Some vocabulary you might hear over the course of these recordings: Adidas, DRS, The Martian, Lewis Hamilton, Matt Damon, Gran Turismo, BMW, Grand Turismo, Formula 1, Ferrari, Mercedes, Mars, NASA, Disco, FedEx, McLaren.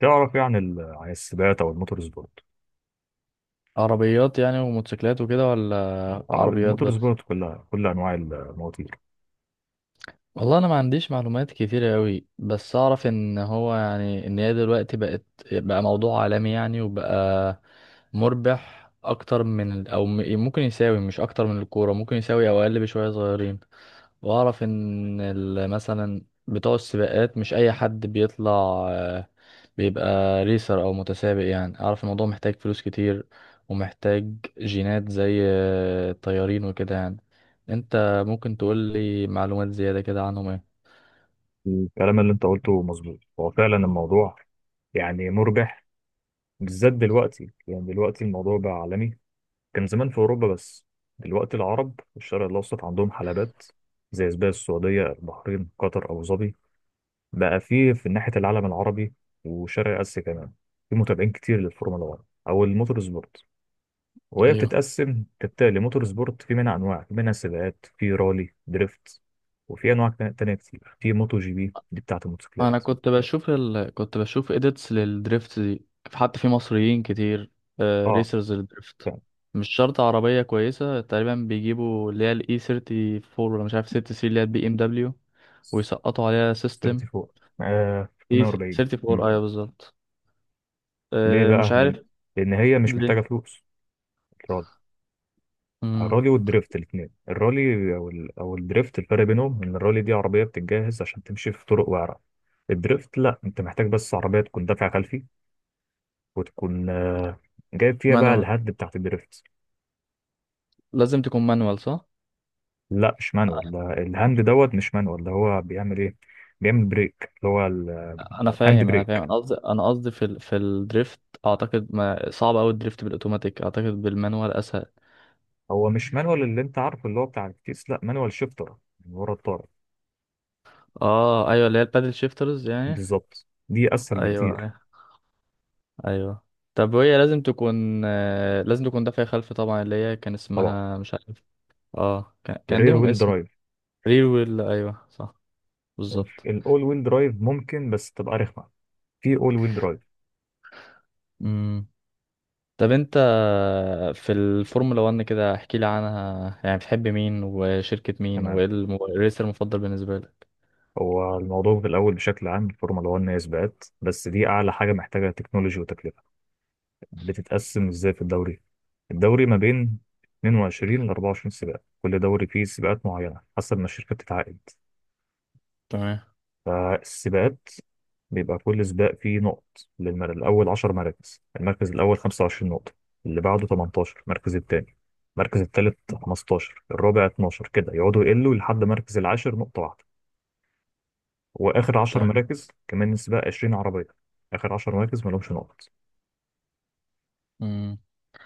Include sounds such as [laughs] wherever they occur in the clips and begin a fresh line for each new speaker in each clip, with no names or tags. تعرف ايه عن عن السباقات او الموتور سبورت.
عربيات يعني وموتوسيكلات وكده، ولا
اه،
عربيات
الموتور
بس؟
سبورت كلها، كل انواع المواتير.
والله انا ما عنديش معلومات كتيرة قوي، بس اعرف ان هو يعني ان هي دلوقتي بقت بقى موضوع عالمي يعني، وبقى مربح اكتر من ال- او م- ممكن يساوي، مش اكتر من الكورة ممكن يساوي او اقل بشوية صغيرين. واعرف ان ال- مثلا بتوع السباقات مش اي حد بيطلع بيبقى ريسر او متسابق، يعني اعرف الموضوع محتاج فلوس كتير ومحتاج جينات زي الطيارين وكده يعني. انت ممكن تقول لي معلومات زيادة كده عنهم ايه؟
الكلام اللي انت قلته مظبوط، هو فعلا الموضوع يعني مربح، بالذات دلوقتي. يعني دلوقتي الموضوع بقى عالمي. كان زمان في اوروبا بس، دلوقتي العرب في الشرق الاوسط عندهم حلبات زي سباق السعوديه، البحرين، قطر، ابو ظبي. بقى فيه في ناحيه العالم العربي وشرق اسيا كمان في متابعين كتير للفورمولا 1 او الموتور سبورت. وهي
ايوه،
بتتقسم كالتالي: موتور سبورت في منها أنواع، في منها سباقات، في رالي، دريفت، وفي أنواع تانية كتير، في موتو جي بي دي بتاعة
انا
الموتوسيكلات.
كنت بشوف كنت بشوف اديتس للدريفت دي، حتى في مصريين كتير،
اه
ريسرز للدريفت.
فعلا.
مش شرط عربية كويسة، تقريبا بيجيبوا اللي هي الاي 34 ولا مش عارف 6 سي اللي هي البي ام دبليو، ويسقطوا عليها سيستم.
34،
اي
340.
34
مم.
ايوه بالظبط.
ليه بقى؟
مش
لأن
عارف.
لأن هي مش محتاجة فلوس، الرالي.
امم
الرالي والدريفت الاتنين، الرالي أو أو الدريفت، الفرق بينهم إن الرالي دي عربية بتتجهز عشان تمشي في طرق وعرة. الدريفت لا، أنت محتاج بس عربية تكون دافع خلفي، وتكون جايب فيها بقى
مانوال،
الهد بتاعت الدريفت.
لازم تكون مانوال صح؟
لا مش مانوال، ده الهاند. دوت مش مانوال، ده هو بيعمل ايه؟ بيعمل بريك اللي هو
انا
الهاند
فاهم انا فاهم،
بريك.
انا قصدي في في الدريفت. اعتقد ما صعب قوي الدريفت بالاوتوماتيك، اعتقد بالمانوال اسهل.
هو مش مانوال اللي انت عارفه اللي هو بتاع الكيس، لا مانوال شيفتر من ورا الطارة.
اه ايوه، اللي هي البادل شيفترز يعني.
بالظبط، دي اسهل
ايوه،
بكتير.
ايوه، ايوه. طب وهي لازم تكون لازم تكون دافعة خلف طبعا، اللي هي كان
طبعا،
اسمها مش عارف. اه كان
الرير
ليهم
ويل
اسم.
درايف.
ريل ويل، ايوه صح، بالظبط.
الاول ويل درايف ممكن بس تبقى رخمه في اول ويل درايف.
مم. طب انت في الفورمولا 1 كده، احكي لي عنها، يعني بتحب مين وشركة مين
تمام.
وايه الم- الريسر المفضل بالنسبة لك؟
هو الموضوع في الاول بشكل عام، الفورمولا 1 هي سباقات بس، دي اعلى حاجه محتاجه تكنولوجي وتكلفه. بتتقسم ازاي؟ في الدوري، الدوري ما بين 22 ل 24 سباق، كل دوري فيه سباقات معينة حسب ما الشركة بتتعاقد.
تمام.
فالسباقات بيبقى كل سباق فيه نقط للمر... الأول 10 مراكز: المركز الأول 25 نقطة، اللي بعده 18 المركز التاني، المركز التالت 15، الرابع 12، كده يقعدوا يقلوا لحد مركز العاشر نقطة واحدة. وآخر 10
تمام.
مراكز، كمان السباق 20 عربية، آخر 10 مراكز مالهمش نقط.
امم.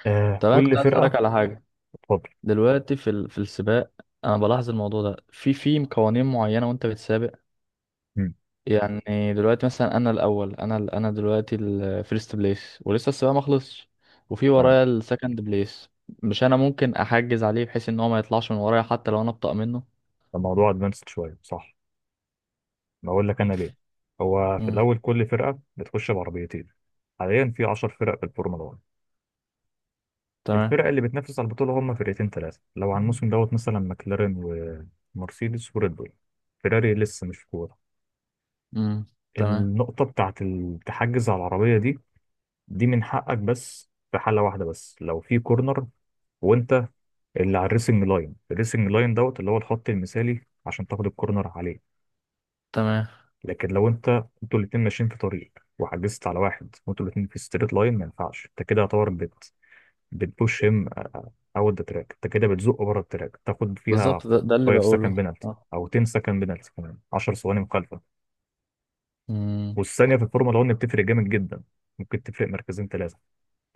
آه،
طب انا كنت
كل
عايز اسالك
فرقة.
على حاجة.
اتفضل.
دلوقتي في في السباق، انا بلاحظ الموضوع ده، في قوانين معينة وانت بتسابق.
مم.
يعني دلوقتي مثلا انا الاول، انا انا دلوقتي الفيرست بليس ولسه السباق ما خلصش، وفي
تمام.
ورايا السكند بليس. مش انا ممكن احجز عليه بحيث ان هو ما يطلعش من ورايا، حتى لو انا ابطأ منه؟
الموضوع ادفانسد شوية، صح؟ بقول لك انا ليه. هو في
امم.
الاول كل فرقه بتخش بعربيتين، حاليا في 10 فرق في الفورمولا 1. الفرق
تمام.
اللي بتنافس على البطوله هم فرقتين ثلاثه لو على الموسم، دوت مثلا ماكلارين ومرسيدس وريد بول. فيراري لسه مش في كوره.
امم. تمام.
النقطه بتاعت التحجز على العربيه دي من حقك، بس في حاله واحده بس: لو في كورنر، وانت اللي على الريسنج لاين، الريسنج لاين دوت اللي هو الخط المثالي عشان تاخد الكورنر عليه.
تمام
لكن لو انت، انتوا الاتنين ماشيين في طريق وحجزت على واحد وانتوا الاتنين في ستريت لاين، ما ينفعش. انت كده يعتبر بتبوش هيم اوت ذا تراك، انت كده بتزقه بره التراك. تاخد فيها
بالظبط، ده اللي
5
بقوله.
سكند بينالتي
اه.
او 10 سكند بينالتي، كمان 10 ثواني مخالفه.
امم.
والثانيه في الفورمولا 1 بتفرق جامد جدا، ممكن تفرق مركزين ثلاثه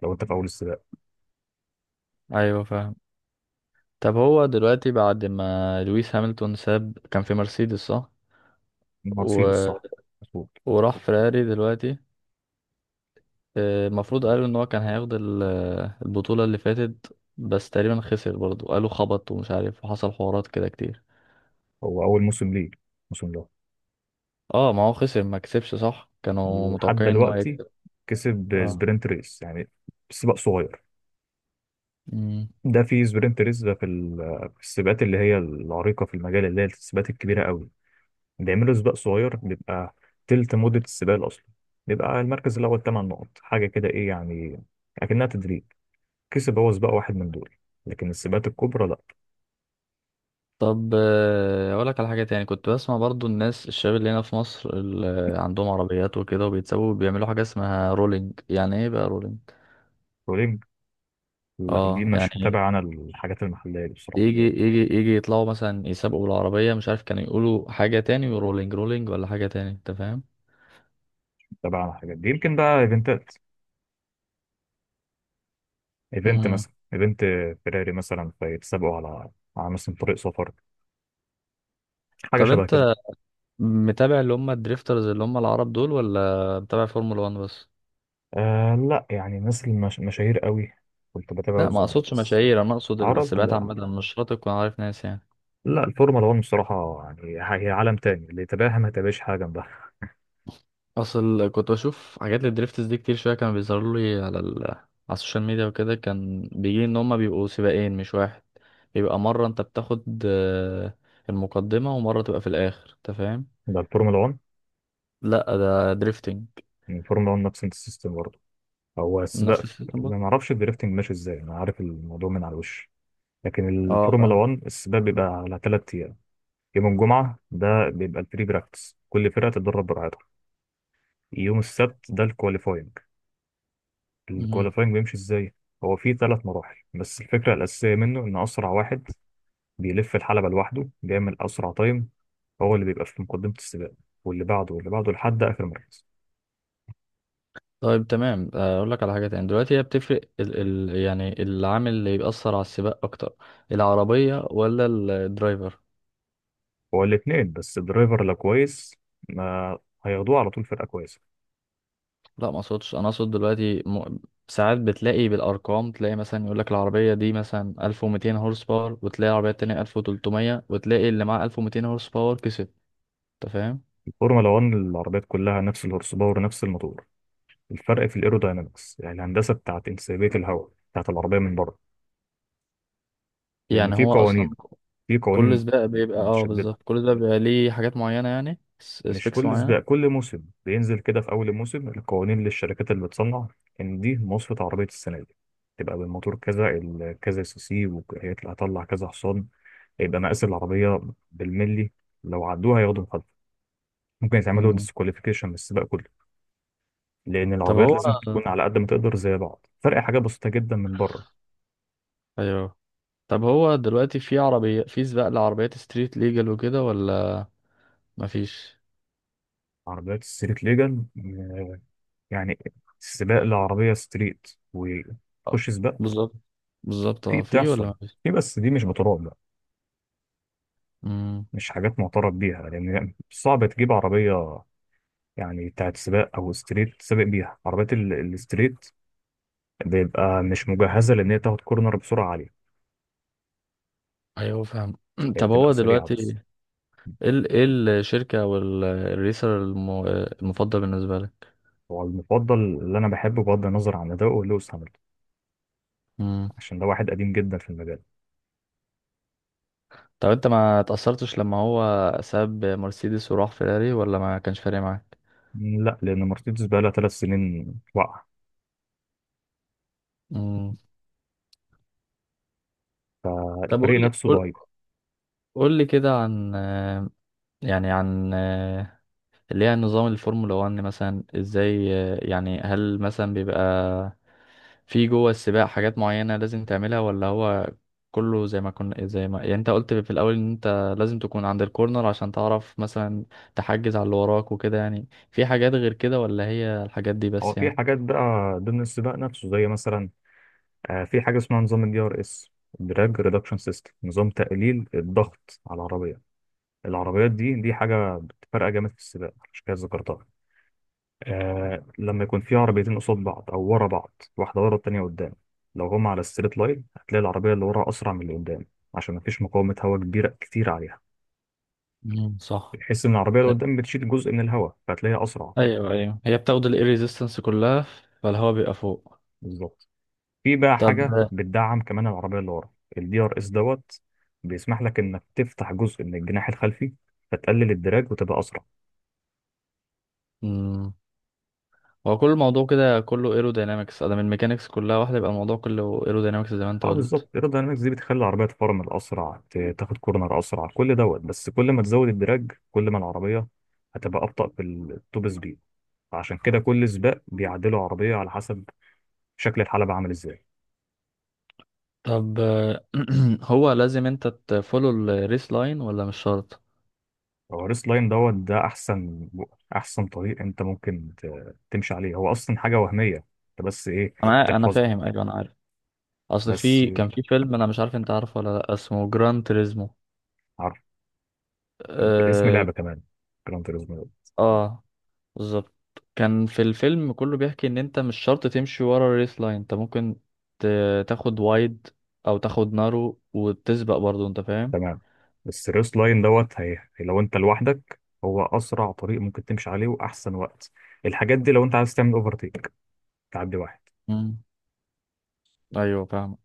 لو انت في اول السباق.
ايوه فاهم. طب هو دلوقتي بعد ما لويس هامilton ساب، كان في مرسيدس صح؟ و...
مرسيدس، صح. مظبوط.
وراح فراري دلوقتي. المفروض
مظبوط.
قالوا ان هو كان هياخد البطولة اللي فاتت، بس تقريبا خسر برضه، قالوا خبط ومش عارف وحصل حوارات كده كتير.
هو اول موسم ليه، الموسم ده.
اه ما هو خسر ما كسبش صح، كانوا
ولحد
متوقعين ان هو
دلوقتي
يكسب.
كسب سبرنت ريس، يعني سباق صغير.
اه.
ده في سبرنت ريس، ده في في السباقات اللي هي العريقة في المجال، اللي هي السباقات الكبيرة قوي، بيعملوا سباق صغير بيبقى تلت مدة السباق الأصلي، بيبقى المركز الأول تمن نقط، حاجة كده. إيه يعني، أكنها تدريب. كسب هو سباق واحد من دول، لكن السباقات الكبرى لا.
طب اقول لك على حاجه تاني. كنت بسمع برضو الناس الشباب اللي هنا في مصر اللي عندهم عربيات وكده وبيتسابوا بيعملوا حاجه اسمها رولينج، يعني ايه بقى رولينج؟
بولينج؟ لا دي
اه
مش
يعني
متابع أنا الحاجات المحلية دي بصراحة.
يجي يطلعوا مثلا يسابقوا بالعربيه، مش عارف كانوا يقولوا حاجه تاني ورولينج رولينج ولا حاجه تاني، انت فاهم؟
متابع أنا الحاجات دي، يمكن بقى إيفنتات. إيفنت
امم.
مثلا، إيفنت فيراري مثلا، فيتسابقوا على على مثلا طريق سفر، حاجة
طب
شبه كده.
انت متابع اللي هم الدريفترز اللي هم العرب دول، ولا متابع فورمولا 1 بس؟
آه لا، يعني ناس مشاهير قوي كنت
لا،
بتابعه
ما
زمان
اقصدش
بس.
مشاهير، انا اقصد
عرب؟
السباقات
لا لا،
عامه، مش شرط تكون عارف ناس يعني.
لا الفورمولا 1 بصراحة يعني هي عالم تاني، اللي يتابعها ما يتابعش حاجة جنبها.
اصل كنت بشوف حاجات الدريفتس دي كتير شويه، كان بيظهروا لي على على السوشيال ميديا وكده. كان بيجي ان هما بيبقوا سباقين مش واحد، بيبقى مره انت بتاخد المقدمه، ومره تبقى في الاخر، انت فاهم؟
[laughs] ده الفورمولا 1.
لا ده دريفتنج.
الفورمولا 1 نفس السيستم برضه، هو
نفس
سباق.
السيستم ده.
أنا ما اعرفش الدريفتنج ماشي ازاي، انا عارف الموضوع من على الوش. لكن
اه
الفورمولا
فاهم.
1 السباق بيبقى على ثلاث ايام: يوم الجمعة ده بيبقى البري براكتس، كل فرقة تتدرب براحتها. يوم السبت ده الكواليفاينج.
مهم.
الكواليفاينج بيمشي ازاي؟ هو فيه ثلاث مراحل، بس الفكره الاساسيه منه ان اسرع واحد بيلف الحلبه لوحده بيعمل اسرع تايم هو اللي بيبقى في مقدمه السباق، واللي بعده واللي بعده لحد اخر مركز.
طيب تمام، اقول لك على حاجه تاني. دلوقتي هي بتفرق يعني العامل اللي بيأثر على السباق اكتر، العربيه ولا الدرايفر؟
هو الاثنين، بس الدرايفر لو كويس ما هياخدوه على طول فرقه كويسه.
لا، ما اقصدش، انا اقصد دلوقتي ساعات بتلاقي بالارقام، تلاقي مثلا يقول لك العربيه دي مثلا 1200 هورس باور، وتلاقي العربيه التانية 1300، وتلاقي اللي معاه 1200 هورس باور كسب، انت فاهم؟
الفورمولا 1 العربيات كلها نفس الهورس باور، نفس الموتور. الفرق في الايروداينامكس، يعني الهندسه بتاعت انسيابيه الهواء بتاعت العربيه من بره. لان
يعني
في
هو اصلا
قوانين، في
كل
قوانين
سباق بيبقى، اه
متشدده.
بالظبط، كل سباق بيبقى ليه حاجات معينه، يعني
مش
سبيكس
كل سباق،
معينه.
كل موسم بينزل كده في اول الموسم القوانين للشركات اللي بتصنع، ان دي مواصفة عربية السنة دي، تبقى بالموتور كذا، كذا سي سي، وهيطلع هطلع كذا حصان، هيبقى مقاس العربية بالملي. لو عدوها هياخدوا مخالفة، ممكن يتعملوا
مم.
ديسكواليفيكيشن من السباق كله، لان
طب
العربيات
هو،
لازم تكون على قد ما تقدر زي بعض، فرق حاجة بسيطة جدا من بره.
ايوه. طب هو دلوقتي في عربيه في سباق لعربيات ستريت ليجل وكده ولا مفيش؟
عربيات الستريت ليجل، يعني سباق لعربية ستريت،
آه،
وتخش سباق.
بالظبط، بالظبط
في،
اه، في ولا
بتحصل،
مفيش؟
في بس دي مش بتراض،
مم.
مش حاجات معترف بيها، لان صعب تجيب عربيه يعني بتاعت سباق او ستريت سابق بيها. عربيات الستريت بيبقى مش مجهزه، لان هي تاخد كورنر بسرعه عاليه.
ايوه فاهم. [clears throat]
هي
طب
بتبقى
هو
سريعه
دلوقتي
بس.
ايه ايه الشركة او الريسر الم- المفضل بالنسبة لك؟
هو المفضل اللي انا بحبه بغض النظر عن اداؤه لويس هامilton،
مم.
عشان ده واحد قديم جدا في المجال.
طب انت ما تأثرتش لما هو ساب مرسيدس وراح فيراري، ولا ما كانش فارق معاك؟
لا، لان مرسيدس بقى لها ثلاث سنين واقعه،
مم. طب قول
فالفريق
لي،
نفسه
قول
ضعيف.
قول لي كده عن يعني عن آه، اللي هي نظام الفورمولا 1، مثلا ازاي يعني هل مثلا بيبقى في جوه السباق حاجات معينة لازم تعملها، ولا هو كله زي ما يعني انت قلت في الأول ان انت لازم تكون عند الكورنر عشان تعرف مثلا تحجز على اللي وراك وكده، يعني في حاجات غير كده ولا هي الحاجات دي
هو
بس
في
يعني؟
حاجات بقى ضمن السباق نفسه، زي مثلا، في حاجه اسمها نظام الدي ار اس، دراج ريدكشن سيستم، نظام تقليل الضغط على العربيه. العربيات دي حاجة بتفرق جامد في السباق، عشان كده ذكرتها. آه، لما يكون في عربيتين قصاد بعض أو ورا بعض، واحدة ورا التانية قدام، لو هما على الستريت لاين هتلاقي العربية اللي ورا أسرع من اللي قدام عشان مفيش مقاومة هواء كبيرة كتير عليها.
مم، صح.
بتحس إن العربية اللي
ايوه.
قدام بتشيل جزء من الهواء، فهتلاقيها أسرع.
ايوه، ايوه، هي بتاخد الاير ريزيستنس كلها، فالهواء بيبقى فوق.
بالظبط. في بقى
طب.
حاجة بتدعم كمان العربية اللي ورا، الدي ار اس، دوت بيسمح لك إنك تفتح جزء من الجناح الخلفي فتقلل الدراج وتبقى أسرع.
امم هو كل الموضوع كده كله ايروداينامكس ادام الميكانيكس كلها واحده؟ يبقى الموضوع كله ايروداينامكس زي ما انت
اه
قلت.
بالظبط، الايروداينامكس دي بتخلي العربيه تفرمل اسرع، تاخد كورنر اسرع، كل، دوت بس كل ما تزود الدراج كل ما العربيه هتبقى ابطأ في التوب سبيد، فعشان كده كل سباق بيعدلوا عربيه على حسب شكل الحلبة عامل ازاي.
طب [clears throat] هو لازم انت تفولو الريس لاين ولا مش شرط؟
هو الريس لاين دوت ده احسن، احسن طريق انت ممكن تمشي عليه، هو اصلا حاجه وهميه، انت بس ايه،
انا
بتحفظها.
فاهم، ايوه انا عارف. اصل
بس،
في كان في فيلم انا مش عارف انت عارفه ولا لا، اسمه جران تريزمو.
عارف، اسم
اه.
لعبه كمان، جراند توريزمو.
آه بالظبط. كان في الفيلم كله بيحكي ان انت مش شرط تمشي ورا الريس لاين، انت ممكن تاخد وايد او تاخد نارو وتسبق برضو، انت فاهم؟
تمام. بس الريست لاين دوت هي لو انت لوحدك، هو اسرع طريق ممكن تمشي عليه واحسن وقت. الحاجات دي لو انت عايز تعمل اوفرتيك، تعدي واحد.
مم. ايوه فاهم.